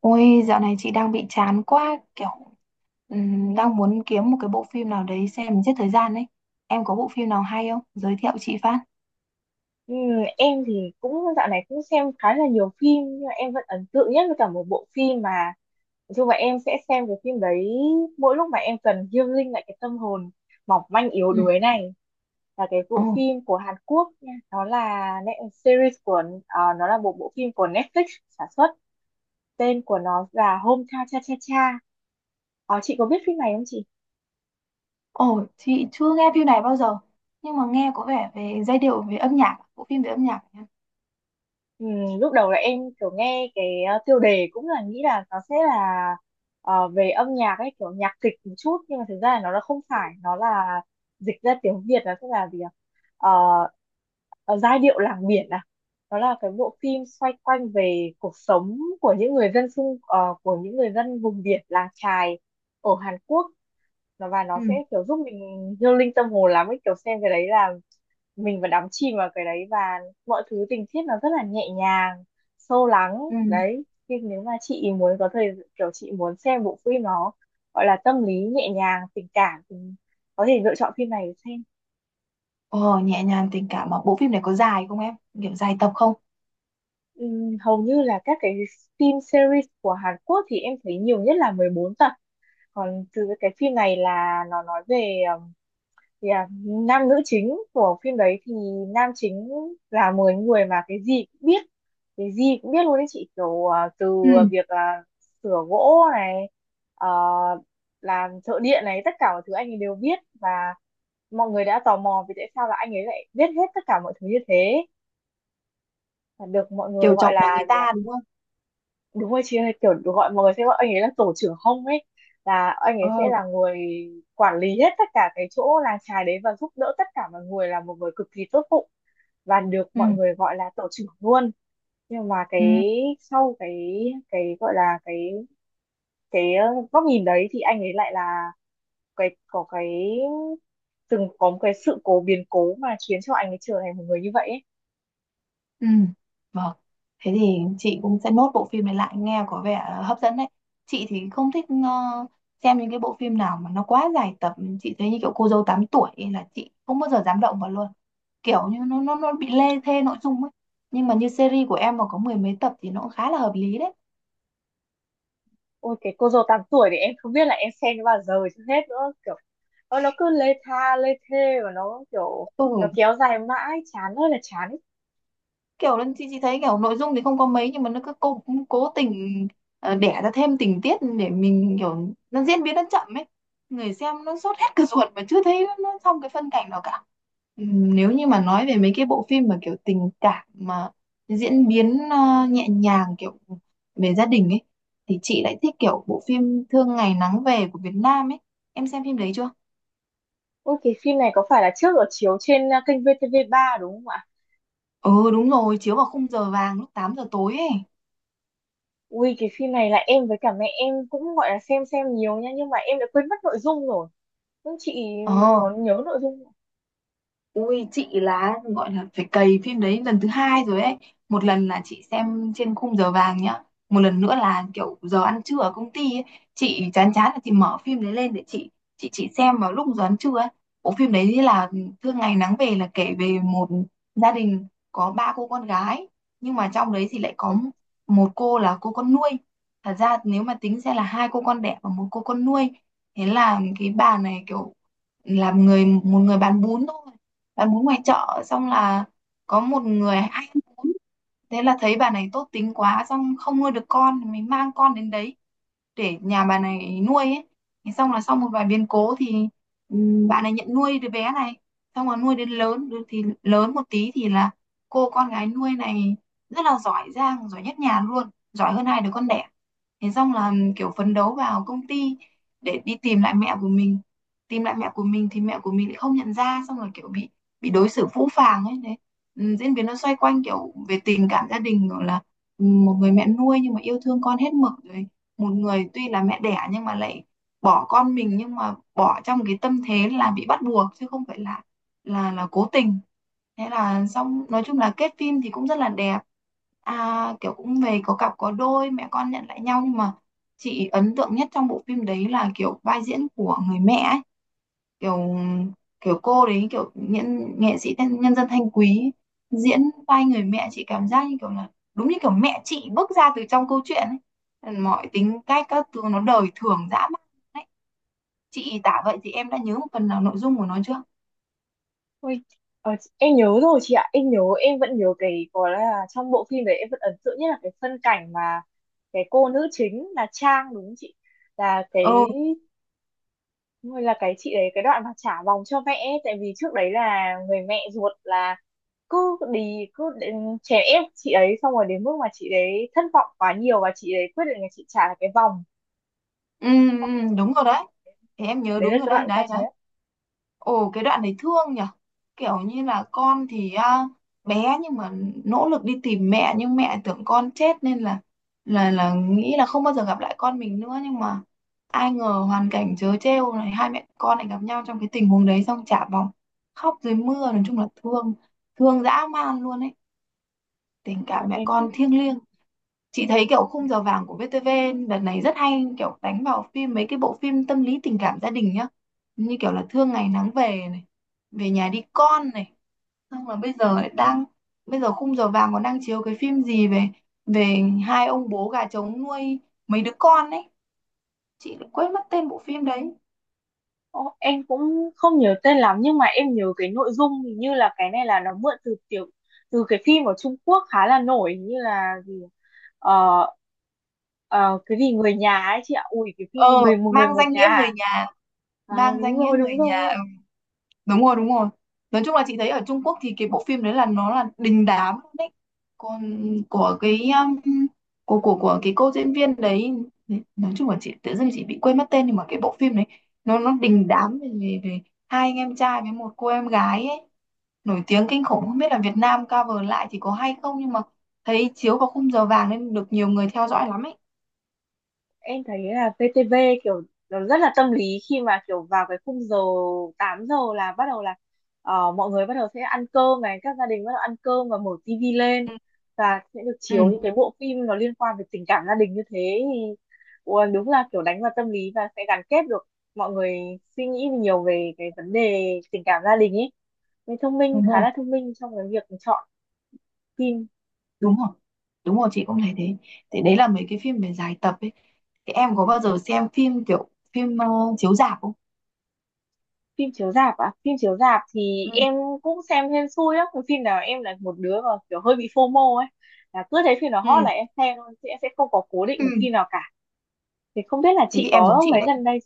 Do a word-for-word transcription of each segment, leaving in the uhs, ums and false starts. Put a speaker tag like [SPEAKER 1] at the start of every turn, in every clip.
[SPEAKER 1] Ôi, dạo này chị đang bị chán quá, kiểu ừm, đang muốn kiếm một cái bộ phim nào đấy xem giết thời gian ấy. Em có bộ phim nào hay không? Giới thiệu chị phát.
[SPEAKER 2] Ừ, em thì cũng dạo này cũng xem khá là nhiều phim nhưng mà em vẫn ấn tượng nhất với cả một bộ phim mà nói chung là em sẽ xem cái phim đấy mỗi lúc mà em cần healing linh lại cái tâm hồn mỏng manh yếu
[SPEAKER 1] Ừ.
[SPEAKER 2] đuối này, là cái
[SPEAKER 1] Ồ,
[SPEAKER 2] bộ phim của Hàn Quốc nha. Nó là net- series của ờ, nó là một bộ phim của Netflix sản xuất. Tên của nó là Hometown Cha Cha Cha. Ờ, chị có biết phim này không chị?
[SPEAKER 1] ồ, chị chưa nghe phim này bao giờ, nhưng mà nghe có vẻ về giai điệu, về âm nhạc, bộ phim về âm nhạc, nhá.
[SPEAKER 2] Ừ, lúc đầu là em kiểu nghe cái ờ, tiêu đề, cũng là nghĩ là nó sẽ là ờ, về âm nhạc ấy, kiểu nhạc kịch một chút, nhưng mà thực ra là nó là không phải nó là dịch ra tiếng Việt là sẽ là gì ạ, uh, giai điệu làng biển à. Nó là cái bộ phim xoay quanh về cuộc sống của những người dân xung ờ, của những người dân vùng biển làng chài ở Hàn Quốc. Nó và nó sẽ
[SPEAKER 1] Ừ.
[SPEAKER 2] kiểu giúp mình healing tâm hồn lắm ấy, kiểu xem cái đấy là mình vẫn đắm chìm vào cái đấy, và mọi thứ tình tiết nó rất là nhẹ nhàng, sâu lắng
[SPEAKER 1] Ừ.
[SPEAKER 2] đấy. Nhưng nếu mà chị muốn có thời kiểu chị muốn xem bộ phim nó gọi là tâm lý nhẹ nhàng tình cảm thì có thể lựa chọn phim này để xem.
[SPEAKER 1] Ồ, nhẹ nhàng tình cảm mà bộ phim này có dài không em? Kiểu dài tập không?
[SPEAKER 2] Ừm, hầu như là các cái phim series của Hàn Quốc thì em thấy nhiều nhất là mười bốn tập. Còn từ cái phim này là nó nói về ờ, Yeah. Nam nữ chính của phim đấy thì nam chính là một người mà cái gì cũng biết, cái gì cũng biết luôn đấy chị, kiểu à, từ
[SPEAKER 1] Ừ.
[SPEAKER 2] việc là sửa gỗ này, ờ, làm thợ điện này, tất cả mọi thứ anh ấy đều biết. Và mọi người đã tò mò vì tại sao là anh ấy lại biết hết tất cả mọi thứ như thế, và được mọi người
[SPEAKER 1] Kiểu
[SPEAKER 2] gọi
[SPEAKER 1] chồng nhà người
[SPEAKER 2] là gì ạ?
[SPEAKER 1] ta đúng không?
[SPEAKER 2] Đúng rồi chị ơi, kiểu gọi, mọi người sẽ gọi anh ấy là tổ trưởng hông ấy, là anh ấy
[SPEAKER 1] Ờ.
[SPEAKER 2] sẽ là người quản lý hết tất cả cái chỗ làng chài đấy và giúp đỡ tất cả mọi người, là một người cực kỳ tốt bụng và được
[SPEAKER 1] Ừ.
[SPEAKER 2] mọi người gọi là tổ trưởng luôn. Nhưng mà
[SPEAKER 1] Ừ.
[SPEAKER 2] cái sau cái cái gọi là cái cái ờ, góc nhìn đấy thì anh ấy lại là cái có cái từng có một cái sự cố biến cố mà khiến cho anh ấy trở thành một người như vậy ấy.
[SPEAKER 1] Ừ, vâng. Thế thì chị cũng sẽ nốt bộ phim này lại, nghe có vẻ hấp dẫn đấy. Chị thì không thích ờ, xem những cái bộ phim nào mà nó quá dài tập. Chị thấy như kiểu cô dâu tám tuổi ấy là chị không bao giờ dám động vào luôn. Kiểu như nó nó nó bị lê thê nội dung ấy. Nhưng mà như series của em mà có mười mấy tập thì nó cũng khá là hợp lý đấy.
[SPEAKER 2] Ôi, cái cô dâu tám tuổi thì em không biết là em xem nó bao giờ chứ hết nữa kiểu. Ờ, nó cứ lê tha lê thê và nó kiểu,
[SPEAKER 1] Ừ,
[SPEAKER 2] nó kéo dài mãi, chán ơi là chán.
[SPEAKER 1] kiểu là chị chị thấy kiểu nội dung thì không có mấy nhưng mà nó cứ cố cố tình ờ, đẻ ra thêm tình tiết để mình kiểu nó diễn biến nó chậm ấy, người xem nó sốt hết cả ruột mà chưa thấy nó xong cái phân cảnh nào cả. Ừm, nếu như mà nói về mấy cái bộ phim mà kiểu tình cảm mà diễn biến ờ, nhẹ nhàng kiểu về gia đình ấy thì chị lại thích kiểu bộ phim Thương Ngày Nắng Về của Việt Nam ấy. Em xem phim đấy chưa?
[SPEAKER 2] Ui, cái phim này có phải là trước ở chiếu trên à, kênh vê tê vê ba đúng không ạ?
[SPEAKER 1] Ừ, đúng rồi, chiếu vào khung giờ vàng lúc tám giờ tối ấy.
[SPEAKER 2] Ui, cái phim này là em với cả mẹ em cũng gọi là xem xem nhiều nha, nhưng mà em đã quên mất nội dung rồi. Nhưng chị
[SPEAKER 1] ờ
[SPEAKER 2] có nhớ nội dung không?
[SPEAKER 1] Ui, chị là gọi là phải cày phim đấy lần thứ hai rồi ấy. Một lần là chị xem trên khung giờ vàng nhá, một lần nữa là kiểu giờ ăn trưa ở công ty ấy. Chị chán chán là chị mở phim đấy lên để chị chị chị xem vào lúc giờ ăn trưa ấy. Bộ phim đấy là Thương Ngày Nắng Về, là kể về một gia đình có ba cô con gái, nhưng mà trong đấy thì lại có một cô là cô con nuôi. Thật ra nếu mà tính sẽ là hai cô con đẻ và một cô con nuôi. Thế là cái bà này kiểu là người một người bán bún thôi, bạn muốn ngoài chợ, xong là có một người hay ăn, thế là thấy bà này tốt tính quá, xong không nuôi được con thì mình mang con đến đấy để nhà bà này nuôi ấy. Thế xong là sau một vài biến cố thì ừm, bạn này nhận nuôi đứa bé này, xong rồi nuôi đến lớn, đứa thì lớn một tí thì là cô con gái nuôi này rất là giỏi giang, giỏi nhất nhà luôn, giỏi hơn hai đứa con đẻ. Thế xong là ừ, kiểu phấn đấu vào công ty để đi tìm lại mẹ của mình. Tìm lại mẹ của mình thì mẹ của mình lại không nhận ra, xong rồi kiểu bị bị đối xử phũ phàng ấy đấy. Ừm, diễn biến nó xoay quanh kiểu về tình cảm gia đình, rồi là ừ, một người mẹ nuôi nhưng mà yêu thương con hết mực, rồi một người tuy là mẹ đẻ nhưng mà lại bỏ con mình, nhưng mà bỏ trong cái tâm thế là bị bắt buộc chứ không phải là là là cố tình. Thế là xong, nói chung là kết phim thì cũng rất là đẹp, à, kiểu cũng về có cặp có đôi, mẹ con nhận lại nhau. Nhưng mà chị ấn tượng nhất trong bộ phim đấy là kiểu vai diễn của người mẹ ấy. Kiểu kiểu cô đấy, kiểu nhân, nghệ sĩ nhân, nhân dân Thanh Quý diễn vai người mẹ, chị cảm giác như kiểu là đúng như kiểu mẹ chị bước ra từ trong câu chuyện ấy, mọi tính cách các thứ nó đời thường dã man. Đấy, chị tả vậy thì em đã nhớ một phần nào nội dung của nó chưa?
[SPEAKER 2] Ui, ờ, em nhớ rồi chị ạ. Em nhớ em vẫn nhớ cái gọi là trong bộ phim đấy em vẫn ấn tượng nhất là cái phân cảnh mà cái cô nữ chính là Trang đúng không chị? Là
[SPEAKER 1] Ừ,
[SPEAKER 2] cái đúng rồi, là cái chị đấy, cái đoạn mà trả vòng cho mẹ ấy. Tại vì trước đấy là người mẹ ruột là cứ đi cứ đến chèn ép chị ấy, xong rồi đến mức mà chị đấy thất vọng quá nhiều và chị đấy quyết định là chị trả lại cái vòng.
[SPEAKER 1] ừ. Ừ, đúng rồi đấy. Thì em nhớ
[SPEAKER 2] Đấy là
[SPEAKER 1] đúng rồi,
[SPEAKER 2] cái
[SPEAKER 1] đấy
[SPEAKER 2] đoạn ca
[SPEAKER 1] đấy đấy.
[SPEAKER 2] trái
[SPEAKER 1] Ồ, cái đoạn đấy thương nhở, kiểu như là con thì à, bé nhưng mà nỗ lực đi tìm mẹ, nhưng mẹ tưởng con chết nên là là là nghĩ là không bao giờ gặp lại con mình nữa, nhưng mà ai ngờ hoàn cảnh trớ trêu này hai mẹ con lại gặp nhau trong cái tình huống đấy, xong chả vòng, khóc dưới mưa, nói chung là thương, thương dã man luôn ấy. Tình
[SPEAKER 2] mà
[SPEAKER 1] cảm mẹ
[SPEAKER 2] em thích.
[SPEAKER 1] con thiêng liêng. Chị thấy kiểu khung giờ vàng của vê tê vê đợt này rất hay, kiểu đánh vào phim, mấy cái bộ phim tâm lý tình cảm gia đình nhá. Như kiểu là Thương Ngày Nắng Về này, Về Nhà Đi Con này. Xong là bây giờ lại đang, bây giờ khung giờ vàng còn đang chiếu cái phim gì về về hai ông bố gà trống nuôi mấy đứa con ấy. Chị lại quên mất tên bộ phim đấy.
[SPEAKER 2] Ồ, em cũng không nhớ tên lắm nhưng mà em nhớ cái nội dung, hình như là cái này là nó mượn từ tiểu từ cái phim ở Trung Quốc khá là nổi, như là gì, ờ, ờ, cái gì, người nhà ấy chị ạ. Ui, cái phim
[SPEAKER 1] Ờ,
[SPEAKER 2] người một người
[SPEAKER 1] mang
[SPEAKER 2] một
[SPEAKER 1] danh
[SPEAKER 2] nhà
[SPEAKER 1] nghĩa
[SPEAKER 2] à?
[SPEAKER 1] người nhà,
[SPEAKER 2] Ờ,
[SPEAKER 1] mang
[SPEAKER 2] đúng
[SPEAKER 1] danh nghĩa
[SPEAKER 2] rồi
[SPEAKER 1] người
[SPEAKER 2] đúng rồi.
[SPEAKER 1] nhà, đúng rồi, đúng rồi. Nói chung là chị thấy ở Trung Quốc thì cái bộ phim đấy là nó là đình đám luôn đấy. Còn của cái um, của của của cái cô diễn viên đấy, nói chung là chị tự dưng chị bị quên mất tên, nhưng mà cái bộ phim đấy nó nó đình đám về, về, về hai anh em trai với một cô em gái ấy, nổi tiếng kinh khủng. Không biết là Việt Nam cover lại thì có hay không, nhưng mà thấy chiếu vào khung giờ vàng nên được nhiều người theo dõi lắm ấy.
[SPEAKER 2] Em thấy là vê tê vê kiểu nó rất là tâm lý khi mà kiểu vào cái khung giờ tám giờ là bắt đầu là, ờ, mọi người bắt đầu sẽ ăn cơm này, các gia đình bắt đầu ăn cơm và mở tivi lên,
[SPEAKER 1] Ừ,
[SPEAKER 2] và sẽ được chiếu
[SPEAKER 1] ừ.
[SPEAKER 2] những cái bộ phim nó liên quan về tình cảm gia đình như thế. Thì ủa, đúng là kiểu đánh vào tâm lý và sẽ gắn kết được mọi người, suy nghĩ nhiều về cái vấn đề tình cảm gia đình ấy. Mình thông minh,
[SPEAKER 1] Đúng
[SPEAKER 2] khá
[SPEAKER 1] rồi,
[SPEAKER 2] là thông minh trong cái việc chọn phim.
[SPEAKER 1] đúng rồi, đúng rồi, chị cũng thấy thế. Thì đấy là mấy cái phim về dài tập ấy, thì em có bao giờ xem phim kiểu phim ờ, chiếu rạp không?
[SPEAKER 2] Phim chiếu rạp à? Phim chiếu rạp thì
[SPEAKER 1] Ừ.
[SPEAKER 2] em cũng xem hên xui á. Cái phim nào, em là một đứa mà kiểu hơi bị FOMO ấy, là cứ thấy phim nào
[SPEAKER 1] Ừ.
[SPEAKER 2] hot là em xem thôi, chứ em sẽ không có cố định
[SPEAKER 1] Ừ.
[SPEAKER 2] một phim nào cả. Thì không biết là
[SPEAKER 1] Thế
[SPEAKER 2] chị
[SPEAKER 1] thì em giống
[SPEAKER 2] có
[SPEAKER 1] chị
[SPEAKER 2] mấy
[SPEAKER 1] đấy,
[SPEAKER 2] gần đây.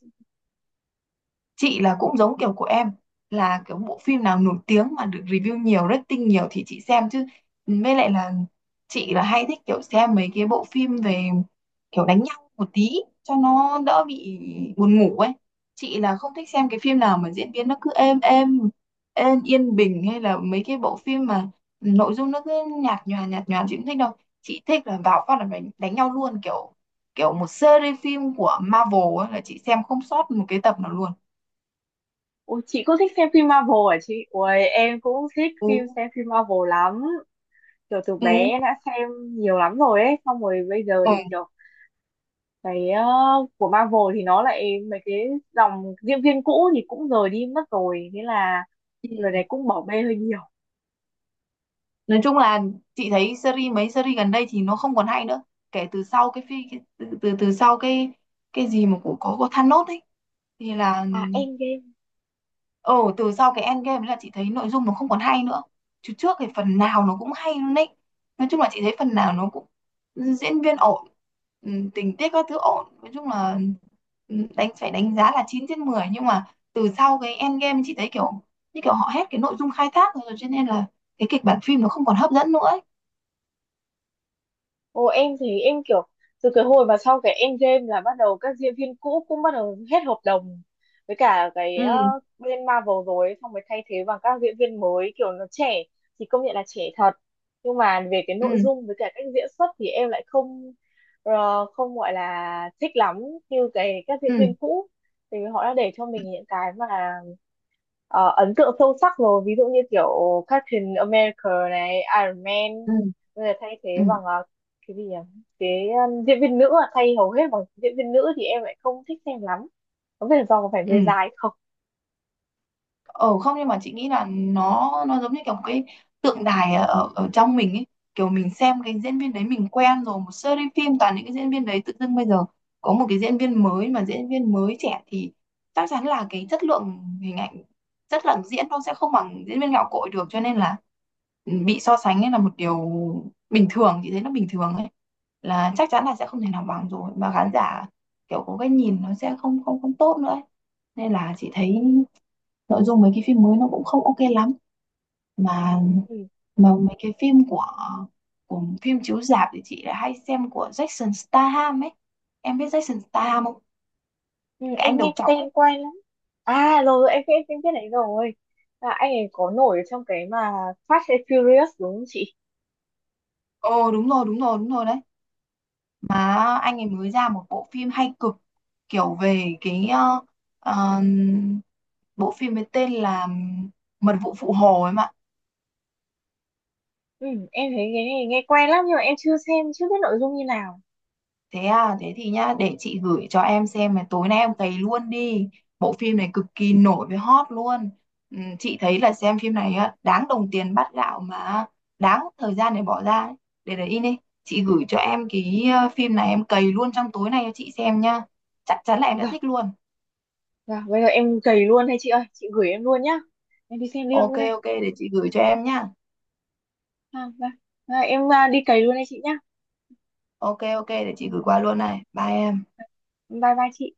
[SPEAKER 1] chị là cũng giống kiểu của em, là kiểu bộ phim nào nổi tiếng mà được review nhiều, rating nhiều thì chị xem. Chứ với lại là chị là hay thích kiểu xem mấy cái bộ phim về kiểu đánh nhau một tí cho nó đỡ bị buồn ngủ ấy. Chị là không thích xem cái phim nào mà diễn biến nó cứ êm êm, êm yên bình, hay là mấy cái bộ phim mà nội dung nó cứ nhạt nhòa nhạt nhòa, chị không thích đâu. Chị thích là vào phát là phải đánh nhau luôn, kiểu kiểu một series phim của Marvel ấy, là chị xem không sót một cái tập nào luôn.
[SPEAKER 2] Ôi, chị cũng thích xem phim Marvel hả chị? Ôi, em cũng thích
[SPEAKER 1] Ừ.
[SPEAKER 2] phim xem phim Marvel lắm. Kiểu từ
[SPEAKER 1] Ừ.
[SPEAKER 2] bé em đã xem nhiều lắm rồi ấy, xong rồi bây giờ
[SPEAKER 1] Ừ.
[SPEAKER 2] thì kiểu cái, ờ, của Marvel thì nó lại, mấy cái dòng diễn viên cũ thì cũng rời đi mất rồi, thế là rồi
[SPEAKER 1] Ừ.
[SPEAKER 2] này cũng bỏ bê hơi nhiều.
[SPEAKER 1] Nói chung là chị thấy series, mấy series gần đây thì nó không còn hay nữa, kể từ sau cái phi cái, từ, từ từ sau cái cái gì mà của có có Thanos ấy thì là,
[SPEAKER 2] À, Endgame.
[SPEAKER 1] ừ từ sau cái Endgame ấy là chị thấy nội dung nó không còn hay nữa. Chứ trước thì phần nào nó cũng hay luôn đấy. Nói chung là chị thấy phần nào nó cũng diễn viên ổn, ừm, tình tiết các thứ ổn. Nói chung là ừm, đánh phải đánh giá là chín trên mười, nhưng mà từ sau cái Endgame chị thấy kiểu như kiểu họ hết cái nội dung khai thác rồi, cho nên là cái kịch bản phim nó không còn hấp dẫn nữa ấy.
[SPEAKER 2] Ồ, em thì em kiểu từ cái hồi mà sau cái Endgame là bắt đầu các diễn viên cũ cũng bắt đầu hết hợp đồng với cả cái, ờ,
[SPEAKER 1] Ừ.
[SPEAKER 2] bên Marvel rồi ấy, xong mới thay thế bằng các diễn viên mới kiểu nó trẻ, thì công nhận là trẻ thật, nhưng mà về cái
[SPEAKER 1] Ừ,
[SPEAKER 2] nội dung với cả cách diễn xuất thì em lại không, ờ, không gọi là thích lắm như cái các
[SPEAKER 1] ừ,
[SPEAKER 2] diễn viên cũ. Thì họ đã để cho mình những cái mà, ờ, ấn tượng sâu sắc rồi, ví dụ như kiểu Captain America này, Iron Man.
[SPEAKER 1] ừ,
[SPEAKER 2] Bây giờ thay thế
[SPEAKER 1] ừ, ừ.
[SPEAKER 2] bằng, ờ, cái gì nhỉ, cái um, diễn viên nữ à, thay hầu hết bằng diễn viên nữ thì em lại không thích xem lắm. Có vẻ do có phải
[SPEAKER 1] Ừ.
[SPEAKER 2] người dài không.
[SPEAKER 1] ờ Không, nhưng mà chị nghĩ là nó nó giống như kiểu một cái tượng đài ở ở trong mình ấy, kiểu mình xem cái diễn viên đấy mình quen rồi, một series phim toàn những cái diễn viên đấy, tự dưng bây giờ có một cái diễn viên mới mà diễn viên mới trẻ thì chắc chắn là cái chất lượng hình ảnh, chất lượng diễn nó sẽ không bằng diễn viên gạo cội được, cho nên là ừ, bị so sánh ấy là một điều bình thường, chị thấy nó bình thường ấy, là chắc chắn là sẽ không thể nào bằng rồi. Mà khán giả kiểu có cái nhìn nó sẽ không không không tốt nữa ấy. Nên là chị thấy nội dung mấy cái phim mới nó cũng không ok lắm. mà
[SPEAKER 2] Ừ.
[SPEAKER 1] mà mấy cái phim của của phim chiếu rạp thì chị lại hay xem của Jason Statham ấy. Em biết Jason Statham không?
[SPEAKER 2] Ừ,
[SPEAKER 1] Cái anh
[SPEAKER 2] em nghe
[SPEAKER 1] đầu
[SPEAKER 2] cái
[SPEAKER 1] trọc ấy.
[SPEAKER 2] tên quen lắm. À rồi rồi, em biết em biết đấy rồi. À, anh ấy có nổi ở trong cái mà Fast and Furious đúng không chị?
[SPEAKER 1] Ồ đúng rồi, đúng rồi, đúng rồi đấy. Mà anh ấy mới ra một bộ phim hay cực, kiểu về cái ờ, ờ, bộ phim với tên là Mật Vụ Phụ Hồ ấy mà.
[SPEAKER 2] Ừ, em thấy cái này nghe quen lắm nhưng mà em chưa xem, chưa biết nội dung như nào.
[SPEAKER 1] Thế à, thế thì nhá, để chị gửi cho em xem này, tối nay em cày luôn đi. Bộ phim này cực kỳ nổi với hot luôn. Ừ, chị thấy là xem phim này á, đáng đồng tiền bát gạo mà đáng thời gian để bỏ ra. ấy. Để đấy in đi, chị gửi cho em cái ờ, phim này em cày luôn trong tối nay cho chị xem nhá. Chắc chắn là em đã
[SPEAKER 2] Vâng.
[SPEAKER 1] thích luôn.
[SPEAKER 2] Dạ, bây giờ em cày luôn hay chị ơi, chị gửi em luôn nhá. Em đi xem luôn
[SPEAKER 1] Ok,
[SPEAKER 2] luôn đây.
[SPEAKER 1] ok, để chị gửi cho em nhá.
[SPEAKER 2] À, dạ. Dạ, em à, đi cày luôn đây chị nhá.
[SPEAKER 1] Ok, ok, để
[SPEAKER 2] Ừ,
[SPEAKER 1] chị gửi qua luôn này. Bye em.
[SPEAKER 2] bye bye chị.